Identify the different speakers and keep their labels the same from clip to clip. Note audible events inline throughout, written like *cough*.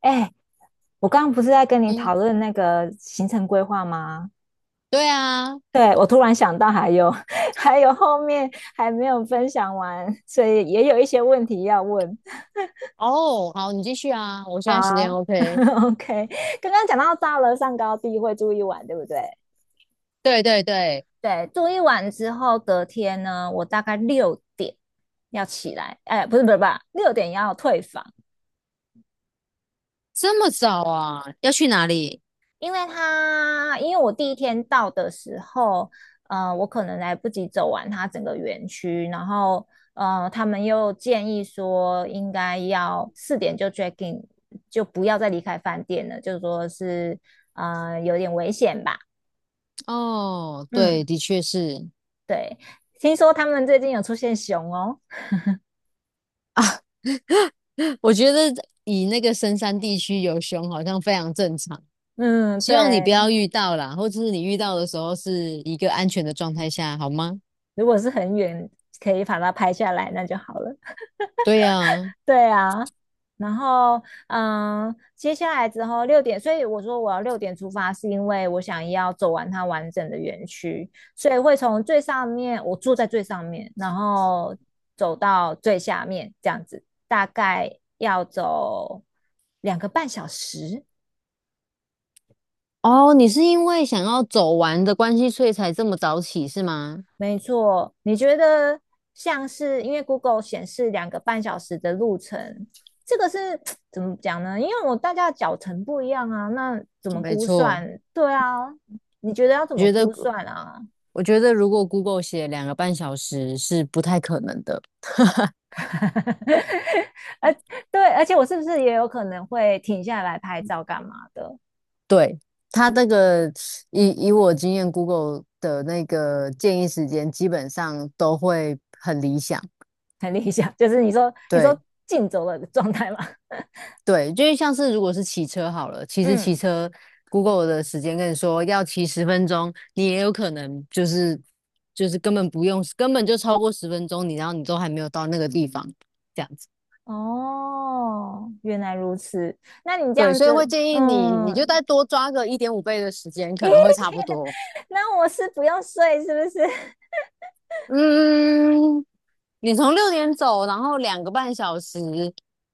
Speaker 1: 哎，我刚刚不是在跟你
Speaker 2: 嗯，
Speaker 1: 讨论那个行程规划吗？
Speaker 2: 对啊。
Speaker 1: 对，我突然想到还有 *laughs* 还有后面还没有分享完，所以也有一些问题要问。
Speaker 2: 哦，好，你继续啊，我现
Speaker 1: 好
Speaker 2: 在时间
Speaker 1: 啊 *laughs*
Speaker 2: OK。
Speaker 1: ，OK，刚刚讲到到了上高地会住一晚，对不对？
Speaker 2: 对对对。
Speaker 1: 对，住一晚之后，隔天呢，我大概六点要起来。哎，不是不是不是，六点要退房。
Speaker 2: 这么早啊？要去哪里？
Speaker 1: 因为他，因为我第一天到的时候，我可能来不及走完它整个园区，然后，他们又建议说应该要4点就 check in，就不要再离开饭店了，就说是，有点危险吧。
Speaker 2: 哦，
Speaker 1: 嗯，
Speaker 2: 对，的确是
Speaker 1: 对。听说他们最近有出现熊哦。
Speaker 2: 啊。*laughs* 我觉得以那个深山地区有熊好像非常正常，
Speaker 1: 嗯，
Speaker 2: 希
Speaker 1: 对。
Speaker 2: 望你不要遇到啦，或者是你遇到的时候是一个安全的状态下，好吗？
Speaker 1: 如果是很远可以把它拍下来，那就好了。
Speaker 2: 对呀。
Speaker 1: 对啊。然后接下来之后六点，所以我说我要六点出发，是因为我想要走完它完整的园区。所以会从最上面，我住在最上面，然后走到最下面这样子，大概要走两个半小时。
Speaker 2: 哦，你是因为想要走完的关系，所以才这么早起是吗？
Speaker 1: 没错，你觉得像是因为 Google 显示2个半小时的路程，这个是 *tsk* 怎么讲呢？因为我大家的脚程不一样啊，那怎么
Speaker 2: 没
Speaker 1: 估
Speaker 2: 错。
Speaker 1: 算？对啊，你觉得要怎
Speaker 2: 我
Speaker 1: 么
Speaker 2: 觉得。
Speaker 1: 估算啊？
Speaker 2: 我觉得如果 Google 写2个半小时是不太可能的。
Speaker 1: *laughs* 而对，而且我是不是也有可能会停下来拍照干嘛的？
Speaker 2: 对，它那个以我经验，Google 的那个建议时间基本上都会很理想。
Speaker 1: *laughs* 很理想，就是你说
Speaker 2: 对
Speaker 1: 竞走的状态嘛。*laughs*
Speaker 2: 对。就是像是如果是骑车好了，其实
Speaker 1: 嗯，
Speaker 2: 骑车 Google 的时间跟你说要骑十分钟，你也有可能就是根本不用，根本就超过十分钟，你然后你都还没有到那个地方，这样子。
Speaker 1: 哦，原来如此。那你这
Speaker 2: 对，
Speaker 1: 样
Speaker 2: 所以
Speaker 1: 子，
Speaker 2: 会建议你，你就
Speaker 1: 嗯，
Speaker 2: 再多抓个一点五倍的时间，可能会差不多。
Speaker 1: 那我是不用睡，是不是？
Speaker 2: 嗯，你从6点走，然后两个半小时，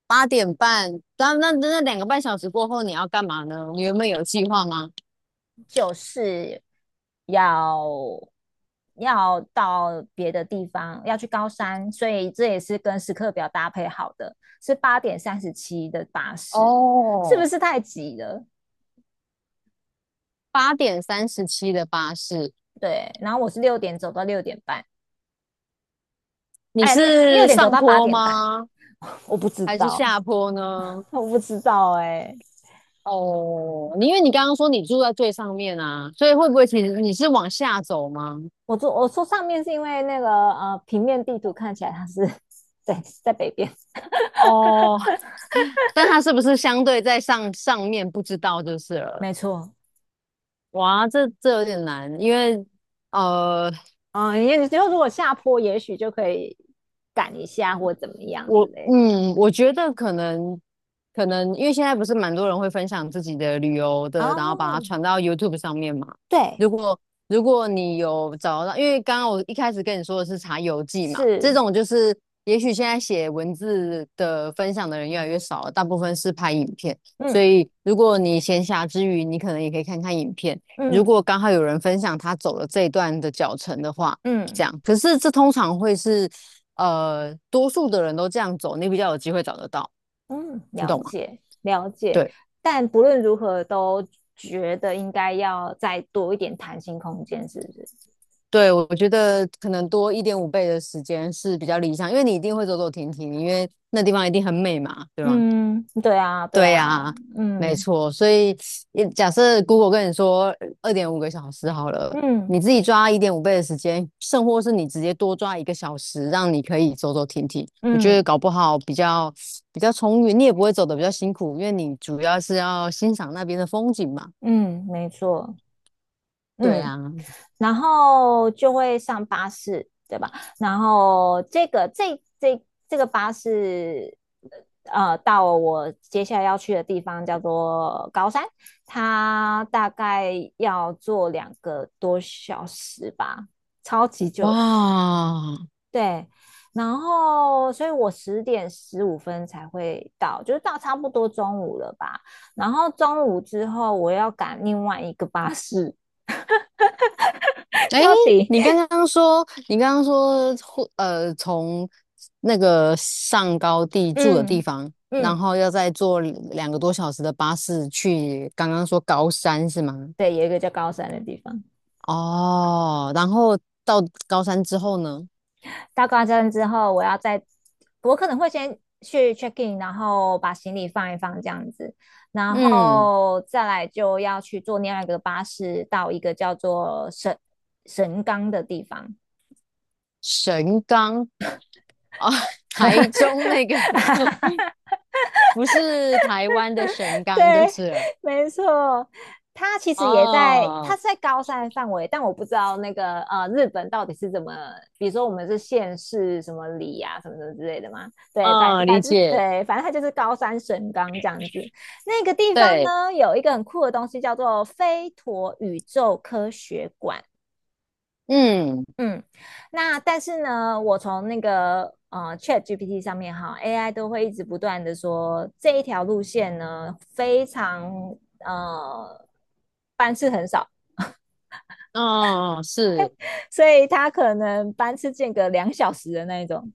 Speaker 2: 8点半，那两个半小时过后你要干嘛呢？你原本有计划吗？
Speaker 1: *laughs* 就是要要到别的地方，要去高山，所以这也是跟时刻表搭配好的，是8:37的巴士。是不
Speaker 2: 哦，
Speaker 1: 是太急了？
Speaker 2: 8点37的巴士。
Speaker 1: 对，然后我是六点走到6点半，
Speaker 2: 你
Speaker 1: 哎，六
Speaker 2: 是
Speaker 1: 点走
Speaker 2: 上
Speaker 1: 到八
Speaker 2: 坡
Speaker 1: 点半，
Speaker 2: 吗？
Speaker 1: 我不知
Speaker 2: 还是
Speaker 1: 道，
Speaker 2: 下坡呢？
Speaker 1: 我不知道、哎、欸
Speaker 2: 哦，你因为你刚刚说你住在最上面啊，所以会不会其实你是往下走吗？
Speaker 1: 我坐我说上面是因为那个平面地图看起来它是 *laughs* 对在北边，
Speaker 2: 哦，但它是不是相对在上面不知道就是了。
Speaker 1: 没错。
Speaker 2: 哇，这这有点难，因为呃，
Speaker 1: 嗯，也就如果下坡，也许就可以赶一下或怎么样之类的。
Speaker 2: 我觉得可能，因为现在不是蛮多人会分享自己的旅游的，然后把它
Speaker 1: 哦，
Speaker 2: 传到 YouTube 上面嘛。
Speaker 1: 对，
Speaker 2: 如果如果你有找到，因为刚刚我一开始跟你说的是查游记嘛，
Speaker 1: 是，
Speaker 2: 这种就是也许现在写文字的分享的人越来越少了，大部分是拍影片。所
Speaker 1: 嗯
Speaker 2: 以如果你闲暇之余，你可能也可以看看影片。如
Speaker 1: 嗯
Speaker 2: 果刚好有人分享他走了这一段的脚程的话，这
Speaker 1: 嗯
Speaker 2: 样。可是这通常会是。呃，多数的人都这样走，你比较有机会找得到，
Speaker 1: 嗯，
Speaker 2: 你
Speaker 1: 了
Speaker 2: 懂吗？
Speaker 1: 解了解。
Speaker 2: 对
Speaker 1: 但不论如何，都觉得应该要再多一点弹性空间，是不是？
Speaker 2: 对，我觉得可能多一点五倍的时间是比较理想，因为你一定会走走停停，因为那地方一定很美嘛，对吗？
Speaker 1: 嗯，对啊对
Speaker 2: 对
Speaker 1: 啊，
Speaker 2: 呀，没
Speaker 1: 嗯
Speaker 2: 错。所以也假设 Google 跟你说2.5个小时好了，你
Speaker 1: 嗯
Speaker 2: 自己抓一点五倍的时间，甚或是你直接多抓一个小时，让你可以走走停停，我觉得
Speaker 1: 嗯
Speaker 2: 搞不好比较充裕，你也不会走的比较辛苦，因为你主要是要欣赏那边的风景嘛。
Speaker 1: 嗯，没错。
Speaker 2: 对
Speaker 1: 嗯，
Speaker 2: 啊。
Speaker 1: 然后就会上巴士，对吧？然后这个巴士，到我接下来要去的地方叫做高山，它大概要坐2个多小时吧，超级
Speaker 2: 哇。
Speaker 1: 久的。对，然后所以我10:15才会到，就是到差不多中午了吧。然后中午之后，我要赶另外一个巴士。*laughs*
Speaker 2: 哎，
Speaker 1: 到底。
Speaker 2: 你刚刚说，你刚刚说，从那个上高地住的地
Speaker 1: 嗯
Speaker 2: 方，然
Speaker 1: 嗯，
Speaker 2: 后要再坐2个多小时的巴士去，刚刚说高山是吗？
Speaker 1: 对，有一个叫高山的地方。
Speaker 2: 哦，然后到高山之后呢？
Speaker 1: 到高山之后，我要再，我可能会先去 check in，然后把行李放一放这样子，然
Speaker 2: 嗯，
Speaker 1: 后再来就要去坐另外一个巴士到一个叫做神冈的地方。
Speaker 2: 神冈。哦，*laughs* 台中那个不是台湾的神
Speaker 1: *laughs*
Speaker 2: 冈就
Speaker 1: 对，
Speaker 2: 是了。
Speaker 1: 没错。他其实也在，他
Speaker 2: 哦，
Speaker 1: 是在高山范围，但我不知道那个日本到底是怎么，比如说我们是县市什么里啊，什么什么之类的嘛。对，反
Speaker 2: 啊，
Speaker 1: 反
Speaker 2: 理
Speaker 1: 正
Speaker 2: 解，
Speaker 1: 对，反正它就是高山神冈这样子。那个地方
Speaker 2: 对，
Speaker 1: 呢，有一个很酷的东西叫做飞陀宇宙科学馆。
Speaker 2: 嗯。
Speaker 1: 嗯，那但是呢，我从那个ChatGPT 上面哈，AI 都会一直不断的说这一条路线呢非常呃班次很少，
Speaker 2: 哦，哦哦是，
Speaker 1: 所以它可能班次间隔2小时的那一种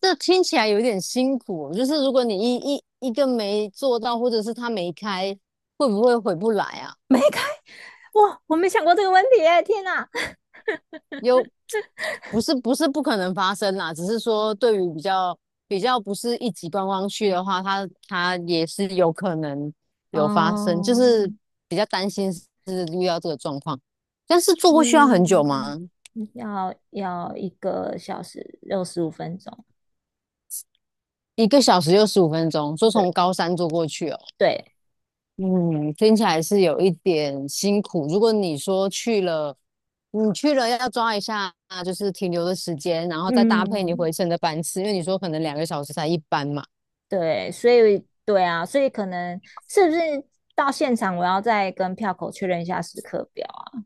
Speaker 2: 这听起来有点辛苦。就是如果你一个没做到，或者是他没开，会不会回不来啊？
Speaker 1: 没开。哇，我没想过这个问题耶天哪。
Speaker 2: 又不是不是不可能发生啦，只是说对于比较不是一级观光区的话，它也是有可能有发生，就是
Speaker 1: 嗯
Speaker 2: 比较担心是遇到这个状况。但是坐过去要很久
Speaker 1: 嗯，
Speaker 2: 吗？
Speaker 1: 要1个小时65分钟。
Speaker 2: 1个小时又15分钟，说
Speaker 1: 对
Speaker 2: 从高山坐过去哦。
Speaker 1: 对，
Speaker 2: 嗯，听起来是有一点辛苦。如果你说去了，你去了要抓一下，就是停留的时间，然后再搭配你
Speaker 1: 嗯。
Speaker 2: 回程的班次，因为你说可能2个小时才一班嘛。
Speaker 1: 对，所以对啊，所以可能是不是到现场我要再跟票口确认一下时刻表啊？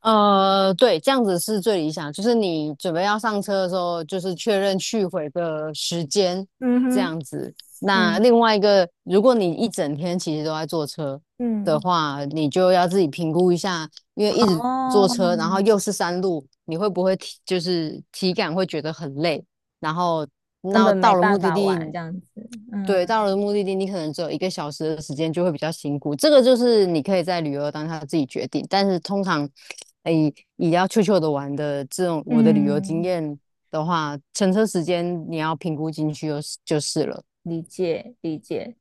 Speaker 2: 呃，对，这样子是最理想，就是你准备要上车的时候，就是确认去回的时间，
Speaker 1: 嗯
Speaker 2: 这
Speaker 1: 哼，
Speaker 2: 样子。那
Speaker 1: 嗯
Speaker 2: 另外一个，如果你一整天其实都在坐车的
Speaker 1: 嗯
Speaker 2: 话，你就要自己评估一下，因为一直
Speaker 1: 哦，
Speaker 2: 坐车，然后又是山路，你会不会体就是体感会觉得很累？然后
Speaker 1: 根
Speaker 2: 那
Speaker 1: 本没
Speaker 2: 到了目
Speaker 1: 办
Speaker 2: 的
Speaker 1: 法
Speaker 2: 地，
Speaker 1: 玩这样子。
Speaker 2: 对，到了
Speaker 1: 嗯，
Speaker 2: 目的地，你可能只有一个小时的时间，就会比较辛苦。这个就是你可以在旅游当下自己决定，但是通常，哎，也要悄悄的玩的这种我的旅游经
Speaker 1: 嗯，
Speaker 2: 验的话，乘车时间你要评估进去就是了。
Speaker 1: 理解理解。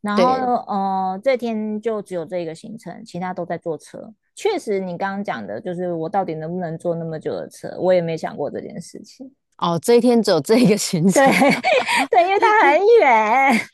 Speaker 1: 然后
Speaker 2: 对，
Speaker 1: 这天就只有这个行程，其他都在坐车。确实，你刚刚讲的就是我到底能不能坐那么久的车，我也没想过这件事情。
Speaker 2: 哦，这一天只有这一个行程
Speaker 1: *laughs* 对，因为它很远。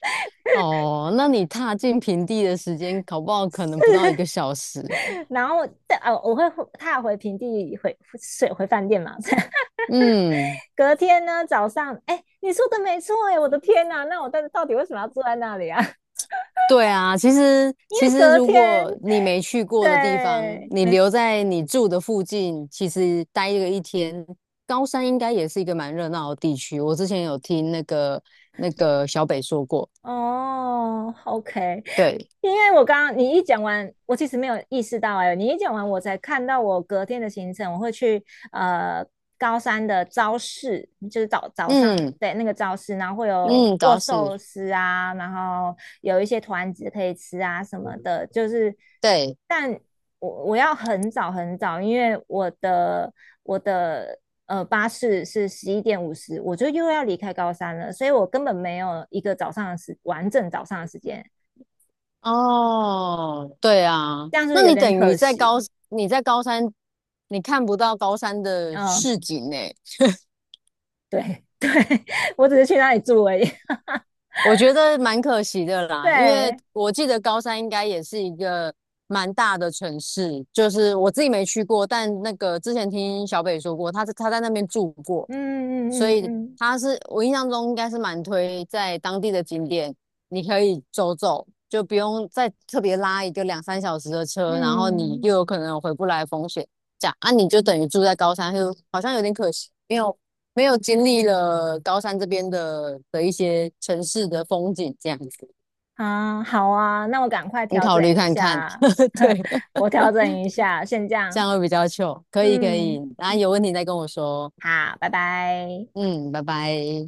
Speaker 2: 哦，那你踏进平地的时间，搞不好可能不到一个小时。
Speaker 1: 然后但我会踏回平地回睡回饭店嘛。*laughs*
Speaker 2: 嗯。
Speaker 1: 隔天呢早上，哎、欸你说的没错，哎、欸我的天呐，啊那我到底为什么要坐在那里啊？*laughs*
Speaker 2: 对啊，其实
Speaker 1: 因为
Speaker 2: 其实
Speaker 1: 隔
Speaker 2: 如
Speaker 1: 天，
Speaker 2: 果你没去过的地方，
Speaker 1: 对，
Speaker 2: 你
Speaker 1: 没错。
Speaker 2: 留在你住的附近，其实待个一天，高山应该也是一个蛮热闹的地区。我之前有听那个那个小北说过，
Speaker 1: 哦，OK，
Speaker 2: 对，
Speaker 1: 因为我刚刚你一讲完，我其实没有意识到，哎、欸你一讲完，我才看到我隔天的行程，我会去呃高山的朝市，就是早上
Speaker 2: 嗯
Speaker 1: 对那个朝市，然后会有
Speaker 2: 嗯，
Speaker 1: 握
Speaker 2: 倒
Speaker 1: 寿
Speaker 2: 是
Speaker 1: 司啊，然后有一些团子可以吃啊什么的，就是
Speaker 2: 对
Speaker 1: 但我要很早很早，因为我的巴士是11:50，我就又要离开高山了，所以我根本没有一个早上的完整早上的时间。
Speaker 2: 哦，对啊，
Speaker 1: 这样不是
Speaker 2: 那
Speaker 1: 有
Speaker 2: 你
Speaker 1: 点
Speaker 2: 等于
Speaker 1: 可惜。
Speaker 2: 在高山，你看不到高山的
Speaker 1: 嗯，
Speaker 2: 市
Speaker 1: 嗯
Speaker 2: 景呢，
Speaker 1: 对对，*laughs* 我只是去那里住而已。
Speaker 2: 我觉得蛮可惜的
Speaker 1: *laughs*
Speaker 2: 啦，因为
Speaker 1: 对，
Speaker 2: 我记得高山应该也是一个蛮大的城市，就是我自己没去过，但那个之前听小北说过，他在那边住过，所
Speaker 1: 嗯嗯嗯
Speaker 2: 以
Speaker 1: 嗯
Speaker 2: 他是我印象中应该是蛮推在当地的景点，你可以走走，就不用再特别拉一个两三小时的车，然后你
Speaker 1: 嗯，
Speaker 2: 又
Speaker 1: 嗯
Speaker 2: 有可能有回不来的风险。这样啊，你就等于住在高山，就好像有点可惜，没有经历了高山这边的一些城市的风景这样子。
Speaker 1: 啊，好啊，那我赶快
Speaker 2: 你
Speaker 1: 调
Speaker 2: 考虑
Speaker 1: 整一
Speaker 2: 看看，
Speaker 1: 下，
Speaker 2: *laughs* 对，
Speaker 1: *laughs* 我调整一下，先这
Speaker 2: 这
Speaker 1: 样。
Speaker 2: 样会比较糗。可以可以，
Speaker 1: 嗯，
Speaker 2: 然后有问题再跟我说。
Speaker 1: 好，拜拜。
Speaker 2: 嗯，拜拜。